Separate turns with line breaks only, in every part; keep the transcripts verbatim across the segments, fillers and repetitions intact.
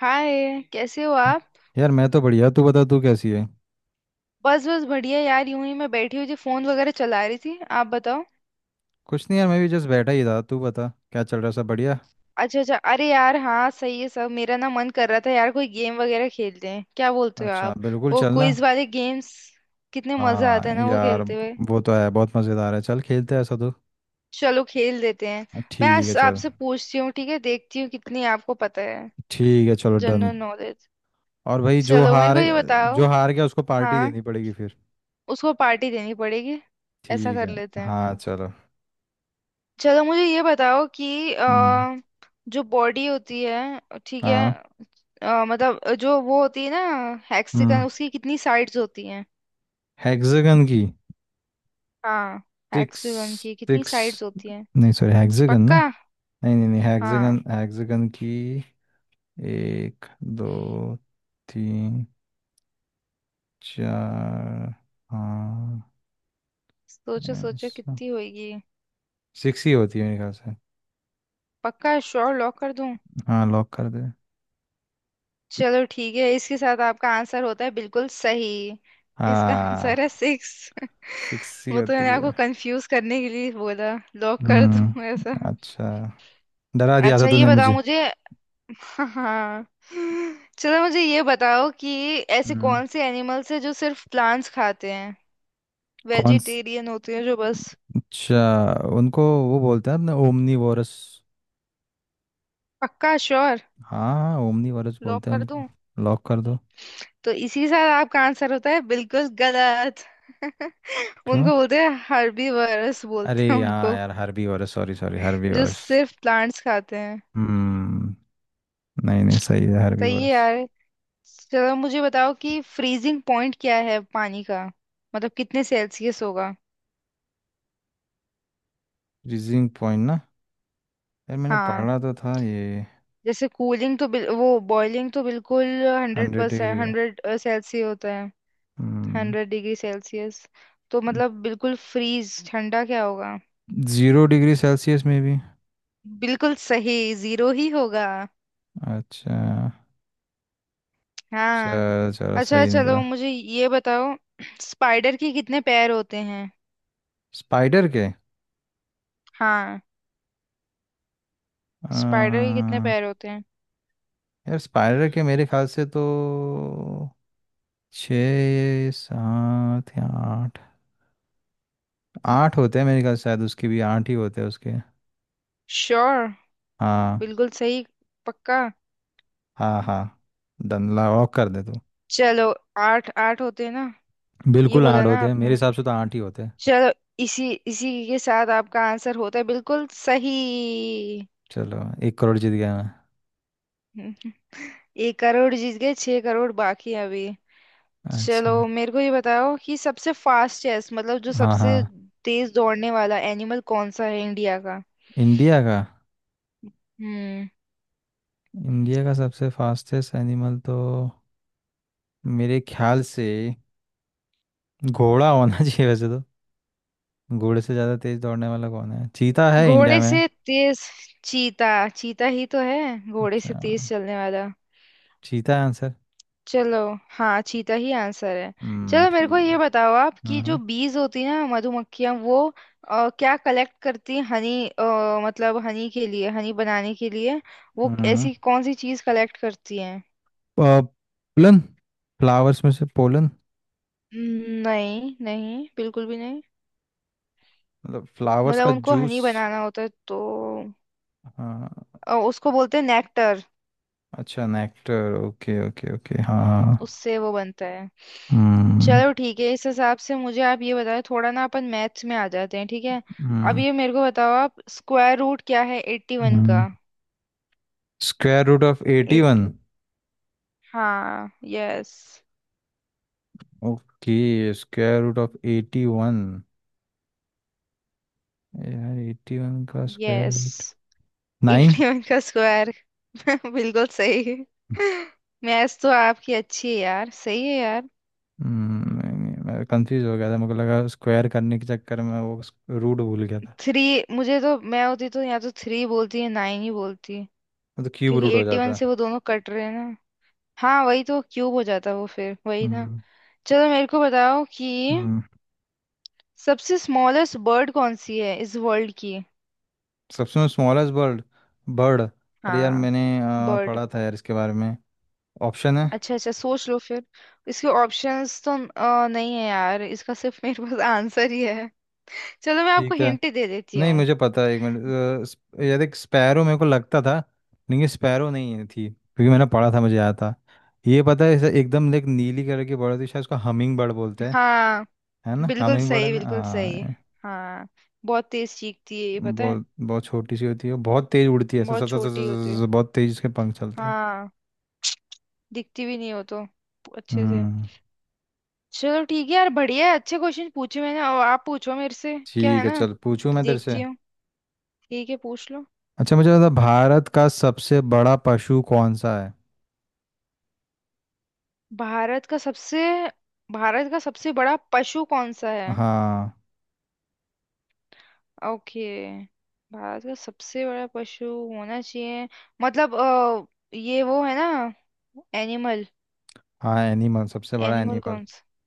हाय कैसे हो आप।
यार मैं तो बढ़िया। तू बता तू कैसी है?
बस बस बढ़िया यार यूं ही मैं बैठी हुई थी फोन वगैरह चला रही थी। आप बताओ।
कुछ नहीं यार, मैं भी जस्ट बैठा ही था। तू बता क्या चल रहा है, सब बढ़िया?
अच्छा अच्छा अरे यार हाँ सही है सब। मेरा ना मन कर रहा था यार कोई गेम वगैरह खेलते हैं क्या बोलते हो
अच्छा
आप।
बिल्कुल,
वो
चलना।
क्विज वाले गेम्स। कितने मजा आता
हाँ
है ना वो
यार।
खेलते हुए।
वो तो है, बहुत मज़ेदार है, चल खेलते हैं ऐसा तो।
चलो खेल देते हैं। मैं
ठीक है
आज
चल।
आपसे पूछती हूँ ठीक है देखती हूँ कितनी आपको पता है।
ठीक है चलो डन।
General knowledge.
और भाई, जो
चलो मेरे
हार
को ये बताओ।
जो हार गया उसको पार्टी
हाँ।
देनी पड़ेगी फिर।
उसको पार्टी देनी पड़ेगी। ऐसा
ठीक
कर
है।
लेते हैं।
हाँ चलो।
चलो मुझे ये बताओ कि
हम्म।
अ, जो बॉडी होती है। ठीक है।
हाँ।
अ, मतलब जो वो होती है ना।
हम्म।
हेक्सागन उसकी कितनी साइड्स होती हैं।
हेक्सागन की?
हाँ।
सिक्स।
हेक्सागन की कितनी
सिक्स,
साइड्स होती हैं।
नहीं सॉरी, हेक्सागन
पक्का।
ना। नहीं नहीं नहीं,
हाँ।
हेक्सागन, हेक्सागन की। एक, दो, तीन, चार, हाँ।
सोचो सोचो
ऐसा।
कितनी होगी।
सिक्स ही होती है मेरे ख्याल से।
पक्का श्योर लॉक कर दूं।
हाँ लॉक कर दे।
चलो ठीक है इसके साथ आपका आंसर होता है बिल्कुल सही। इसका आंसर
हाँ।
है सिक्स।
सिक्स ही
वो तो
होती
मैंने आपको
है।
कंफ्यूज करने के लिए बोला लॉक कर दूं
हम्म।
ऐसा।
अच्छा। डरा दिया था
अच्छा ये
तूने
बताओ
मुझे।
मुझे। हाँ। चलो मुझे ये बताओ कि ऐसे
हम्म।
कौन से एनिमल्स हैं जो सिर्फ प्लांट्स खाते हैं।
कौन स-
वेजिटेरियन होते हैं जो बस।
अच्छा। उनको वो बोलते हैं अपने, ओमनी वोरस।
पक्का श्योर
हाँ हाँ, ओमनी वोरस
लॉक
बोलते हैं
कर
उनको।
दूं।
लॉक कर दो।
तो इसी के साथ आपका आंसर होता है बिल्कुल गलत।
क्यों?
उनको बोलते हैं हर्बीवर्स
अरे
बोलते हैं
हाँ
उनको।
यार, Harbi vores, sorry sorry, Harbi
जो
वोरस।
सिर्फ प्लांट्स खाते हैं।
हम्म। नहीं नहीं, सही है हर्बी।
सही है यार। चलो मुझे बताओ कि फ्रीजिंग पॉइंट क्या है पानी का। मतलब कितने सेल्सियस होगा।
रीजिंग पॉइंट ना। यार मैंने
हाँ।
पढ़ा तो था ये।
जैसे कूलिंग तो बिल, वो बॉइलिंग तो बिल्कुल हंड्रेड
हंड्रेड डिग्री
परसेंट
है।
हंड्रेड सेल्सियस होता है।
हम्म।
Hundred degree Celsius. तो मतलब बिल्कुल फ्रीज ठंडा क्या होगा।
जीरो डिग्री सेल्सियस में भी।
बिल्कुल सही। जीरो ही होगा।
अच्छा।
हाँ।
चलो चलो,
अच्छा
सही
चलो
निकला।
मुझे ये बताओ। स्पाइडर के कितने पैर होते हैं।
स्पाइडर के?
हाँ।
अ,
स्पाइडर के कितने पैर होते हैं।
यार स्पाइडर के मेरे ख्याल से तो छः, सात या आठ। आठ होते हैं मेरे ख्याल से, शायद उसके भी आठ ही होते हैं उसके।
श्योर।
हाँ।
बिल्कुल सही। पक्का।
हाँ हाँ। डन ला, लॉक कर दे तू।
चलो। आठ आठ होते हैं ना। ये
बिल्कुल आठ
बोला ना
होते हैं, मेरे
आपने।
हिसाब से तो आठ ही होते हैं।
चलो। इसी इसी के साथ आपका आंसर होता है बिल्कुल सही।
चलो एक करोड़ जीत गया मैं।
हम्म, एक करोड़ जीत गए छह करोड़ बाकी हैं अभी। चलो
अच्छा।
मेरे को ये बताओ कि सबसे फास्टेस्ट मतलब जो
हाँ
सबसे
हाँ।
तेज दौड़ने वाला एनिमल कौन सा है इंडिया का।
इंडिया का?
हम्म।
इंडिया का सबसे फास्टेस्ट एनिमल तो मेरे ख्याल से घोड़ा होना चाहिए वैसे तो। घोड़े से ज़्यादा तेज दौड़ने वाला कौन है, चीता है इंडिया
घोड़े
में।
से तेज। चीता चीता ही तो है। घोड़े से
अच्छा।
तेज चलने वाला।
चीता है आंसर।
चलो। हाँ चीता ही आंसर है।
हम्म,
चलो मेरे को
ठीक
ये
है।
बताओ आप कि जो
हम्म।
बीज होती है ना मधुमक्खियां वो अ, क्या कलेक्ट करती हैं हनी। मतलब हनी के लिए हनी बनाने के लिए। वो
हम्म।
ऐसी कौन सी चीज कलेक्ट करती हैं।
पोलन, फ्लावर्स में से पोलन।
हम्म, नहीं नहीं बिल्कुल भी नहीं।
मतलब फ्लावर्स
मतलब
का
उनको हनी
जूस।
बनाना होता है तो
हाँ।
अ, उसको बोलते हैं नेक्टर।
अच्छा, नेक्टर, ओके ओके ओके, हाँ
हम्म
हाँ।
उससे वो बनता है।
हम्म।
चलो ठीक है इस हिसाब से मुझे आप ये बताओ थोड़ा ना अपन मैथ्स में आ जाते हैं ठीक है। अब ये मेरे को बताओ आप स्क्वायर रूट क्या है एट्टी वन का।
हम्म। Square root of eighty
eight.
One
हाँ yes.
Okay, square root of eighty one. यार एटी वन का square
yes.
Root. Nine.
Eighty one का स्क्वायर। बिल्कुल सही। मैथ्स तो आपकी अच्छी है यार सही है यार।
मैं कंफ्यूज हो गया था, मुझे लगा स्क्वायर करने के चक्कर में वो रूट भूल गया था।
थ्री। मुझे तो मैं होती तो या तो थ्री बोलती या नाइन ही बोलती।
वो तो क्यूब
क्योंकि
रूट हो
एट्टी वन
जाता।
से वो दोनों कट रहे हैं ना। हाँ वही तो क्यूब हो जाता वो फिर वही ना।
हम्म।
चलो मेरे को बताओ कि
हम्म।
सबसे स्मॉलेस्ट बर्ड कौन सी है इस वर्ल्ड की।
सबसे स्मॉलेस्ट बर्ड? बर्ड, अरे यार
हाँ।
मैंने अ,
बर्ड।
पढ़ा था यार इसके बारे में। ऑप्शन है?
अच्छा अच्छा सोच लो फिर। इसके ऑप्शंस तो अ, नहीं है यार इसका सिर्फ मेरे पास आंसर ही है। चलो मैं आपको
ठीक है।
हिंट दे देती
नहीं
हूँ।
मुझे पता है, एक मिनट। अ, स्प- यार एक स्पैरो मेरे को लगता था। लेकिन ये स्पैरो नहीं है- थी, क्योंकि मैंने पढ़ा था, मुझे याद था। ये पता है, ऐसे एकदम एक नीली कलर की बर्ड थी, शायद उसको हमिंग बर्ड बोलते हैं।
हाँ।
है ना,
बिल्कुल
हमिंग बर्ड है
सही
ना,
बिल्कुल सही।
हाँ।
हाँ। बहुत तेज चीखती है ये पता है।
बहुत बहुत छोटी सी होती है, बहुत तेज उड़ती है, ऐसे सत
बहुत
सत सत
छोटी होती
सत-
है।
सत- बहुत तेज इसके पंख चलते हैं।
हाँ। दिखती भी नहीं हो तो अच्छे से।
हम्म।
चलो ठीक है यार बढ़िया है अच्छे क्वेश्चन पूछे मैंने और आप पूछो मेरे से क्या
ठीक
है
है
ना।
चल, पूछूं
तो
मैं तेरे से।
देखती हूँ। ठीक है पूछ लो।
अच्छा मुझे बता, भारत का सबसे बड़ा पशु कौन सा है?
भारत का सबसे। भारत का सबसे बड़ा पशु कौन सा है।
हाँ।
ओके। भारत का सबसे बड़ा पशु होना चाहिए। मतलब अ, ये वो है ना। एनिमल।
हाँ एनिमल, सबसे बड़ा
एनिमल
एनिमल।
कौन सा।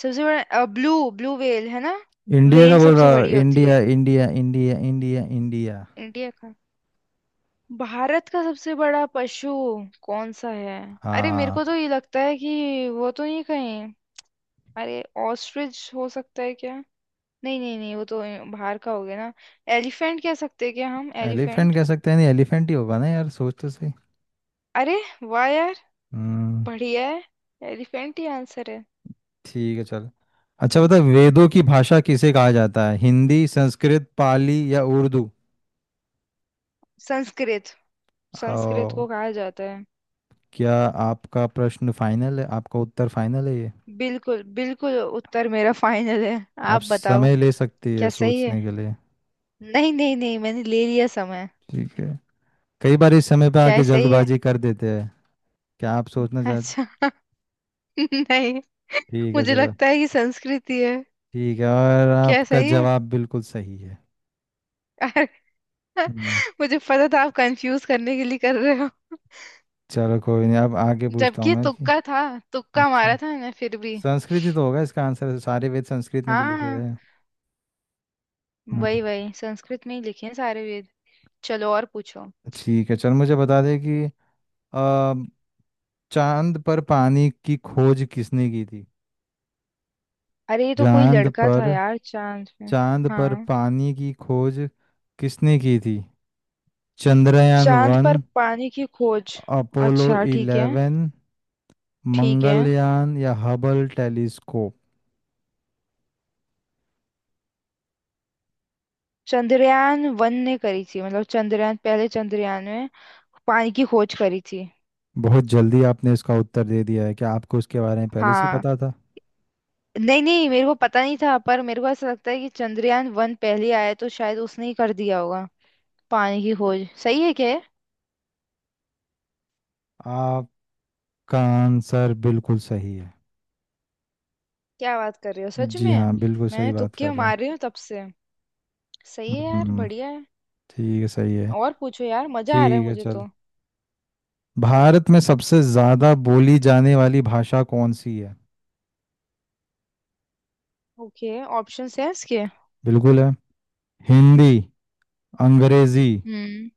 सबसे बड़ा ब्लू ब्लू व्हेल है ना।
इंडिया का
व्हेल
बोल
सबसे
रहा हूँ,
बड़ी होती है।
India India India India India.
India का। भारत का सबसे बड़ा पशु कौन सा है। अरे मेरे
हाँ।
को तो ये लगता है कि वो तो नहीं कहीं। अरे। ऑस्ट्रिच हो सकता है क्या। नहीं नहीं नहीं वो तो ए, बाहर का हो गया ना। एलिफेंट कह सकते हैं क्या हम
एलिफेंट
एलिफेंट।
कह सकते हैं, नहीं एलिफेंट ही होगा ना यार, सोच तो सही।
अरे वाह यार
हम्म।
बढ़िया है। एलिफेंट ही आंसर है।
ठीक है चल। अच्छा बता, वेदों की भाषा किसे कहा जाता है, हिंदी, संस्कृत, पाली या उर्दू?
संस्कृत। संस्कृत को
ओ,
कहा जाता है।
क्या? आपका प्रश्न फाइनल है आपका उत्तर फाइनल है ये?
बिल्कुल बिल्कुल उत्तर मेरा फाइनल है।
आप
आप बताओ।
समय ले सकती है
क्या सही है।
सोचने के लिए।
नहीं नहीं नहीं मैंने ले लिया समय।
ठीक है। कई बार इस समय पे
क्या है
आके
सही है।
जल्दबाजी कर देते हैं। क्या आप सोचना चाहते?
अच्छा। नहीं।
ठीक है
मुझे
चलो।
लगता है कि संस्कृत ही है।
ठीक है, और
क्या
आपका
सही है।
जवाब बिल्कुल सही है।
अरे।
हम्म।
मुझे पता था आप कंफ्यूज करने के लिए कर रहे हो।
चलो, कोई नहीं, अब आगे पूछता हूँ
जबकि
मैं कि,
तुक्का था। तुक्का मारा
अच्छा,
था मैंने फिर भी।
संस्कृत ही तो होगा इसका आंसर, सारे वेद संस्कृत में तो लिखे
हाँ।
गए हैं। हम्म।
वही वही संस्कृत में ही लिखे हैं सारे वेद। चलो और पूछो।
ठीक है चल, मुझे बता दे कि अ, चांद पर पानी की खोज किसने की थी।
अरे ये तो कोई
चांद
लड़का था
पर
यार चांद पे।
चांद पर
हाँ।
पानी की खोज किसने की थी? चंद्रयान
चांद
वन
पर पानी की खोज।
अपोलो
अच्छा ठीक है।
इलेवन
ठीक है।
मंगलयान या हबल टेलीस्कोप?
चंद्रयान वन ने करी थी मतलब चंद्रयान पहले चंद्रयान में पानी की खोज करी थी।
बहुत जल्दी आपने इसका उत्तर दे दिया है, क्या आपको इसके बारे में पहले से ही
हाँ।
पता
नहीं नहीं मेरे को पता नहीं था पर मेरे को ऐसा लगता है कि चंद्रयान वन पहले आया तो शायद उसने ही कर दिया होगा। पानी की खोज सही है क्या।
था? आपका आंसर बिल्कुल सही है।
क्या बात कर रही हो सच
जी
में।
हाँ, बिल्कुल सही
मैंने
बात
तुक्के
कर रहे हैं।
मार रही हूँ तब से। सही है यार
हम्म।
बढ़िया है।
ठीक है, सही है।
और पूछो यार मजा आ रहा है
ठीक है
मुझे
चल।
तो।
भारत में सबसे ज्यादा बोली जाने वाली भाषा कौन सी है?
ओके। ऑप्शंस हैं इसके।
बिल्कुल है। हिंदी, अंग्रेजी,
हम्म।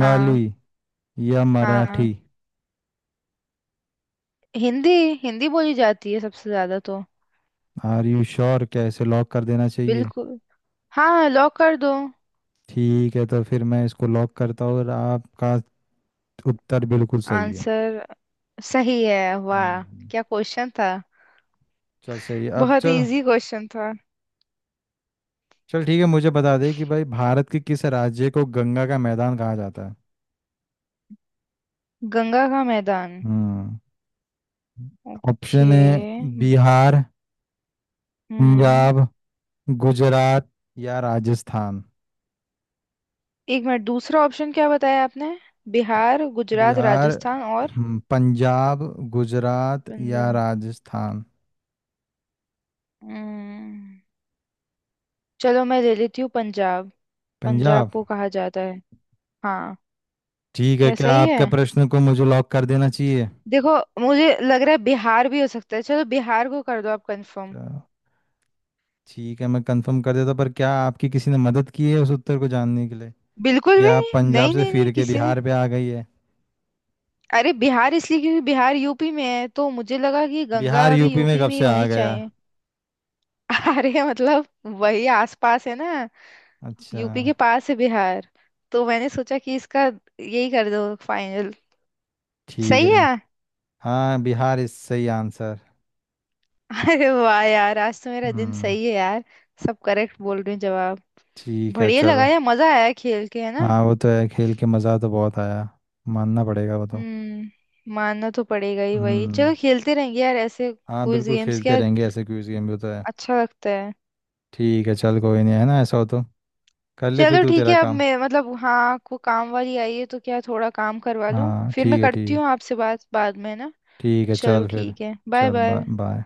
हाँ।
या
हाँ।
मराठी?
हिंदी। हिंदी बोली जाती है सबसे ज्यादा तो।
आर यू श्योर, क्या इसे लॉक कर देना चाहिए?
बिल्कुल। हाँ लॉक कर दो।
ठीक है, तो फिर मैं इसको लॉक करता हूँ, और आपका उत्तर बिल्कुल सही है।
आंसर। सही है वाह।
हम्म।
क्या क्वेश्चन था।
चल सही है, अब
बहुत
चल।
इजी क्वेश्चन था।
चल ठीक है मुझे बता दे कि भाई, भारत के किस राज्य को गंगा का मैदान कहा जाता है?
गंगा का मैदान।
हम्म।
ओके।
ऑप्शन है? बिहार,
हम्म।
पंजाब, गुजरात या राजस्थान?
एक मिनट दूसरा ऑप्शन क्या बताया आपने। बिहार गुजरात
बिहार,
राजस्थान और।
हम्म, पंजाब, गुजरात या
पंजाब।
राजस्थान?
हम्म, चलो मैं ले लेती हूँ पंजाब। पंजाब
पंजाब?
को कहा जाता है। हाँ।
ठीक है,
क्या
क्या
सही है।
आपके प्रश्न को मुझे लॉक कर देना चाहिए?
देखो। मुझे लग रहा है बिहार भी हो सकता है चलो बिहार को कर दो आप कंफर्म।
अच्छा, ठीक है, मैं कंफर्म कर देता, पर क्या आपकी किसी ने मदद की है उस उत्तर को जानने के लिए?
बिल्कुल भी
या आप
नहीं
पंजाब
नहीं
से
नहीं नहीं
फिर के
किसी ने।
बिहार पे आ गई है?
अरे बिहार इसलिए क्योंकि बिहार यूपी में है तो मुझे लगा कि गंगा
बिहार
भी
यूपी में
यूपी
कब
में ही
से आ
होनी
गया?
चाहिए। अरे मतलब वही आसपास है ना।
अच्छा।
यूपी के पास है बिहार। तो मैंने सोचा कि इसका यही कर दो फाइनल।
ठीक
सही
है।
है।
हाँ, बिहार इस सही आंसर।
अरे वाह यार आज तो मेरा दिन
हम्म।
सही है यार। सब करेक्ट बोल रही हूँ जवाब।
ठीक है
बढ़िया लगा
चलो।
यार मजा आया खेल के है ना।
हाँ वो तो है, खेल के मज़ा तो बहुत आया। मानना पड़ेगा वो तो।
हम्म मानना तो पड़ेगा ही वही
हम्म।
चलो खेलते रहेंगे यार ऐसे।
हाँ
क्विज
बिल्कुल
गेम्स
खेलते
क्या।
रहेंगे ऐसे, क्विज गेम भी तो है।
अच्छा लगता है।
ठीक है चल, कोई नहीं, है ना ऐसा हो तो कर ले फिर
चलो
तू
ठीक
तेरा
है अब
काम।
मैं मतलब हाँ को काम वाली आई है तो क्या थोड़ा काम करवा लूँ
हाँ
फिर मैं
ठीक है,
करती
ठीक।
हूँ आपसे बात बाद में ना।
ठीक है
चलो
चल फिर।
ठीक है बाय
चल बाय
बाय।
बाय।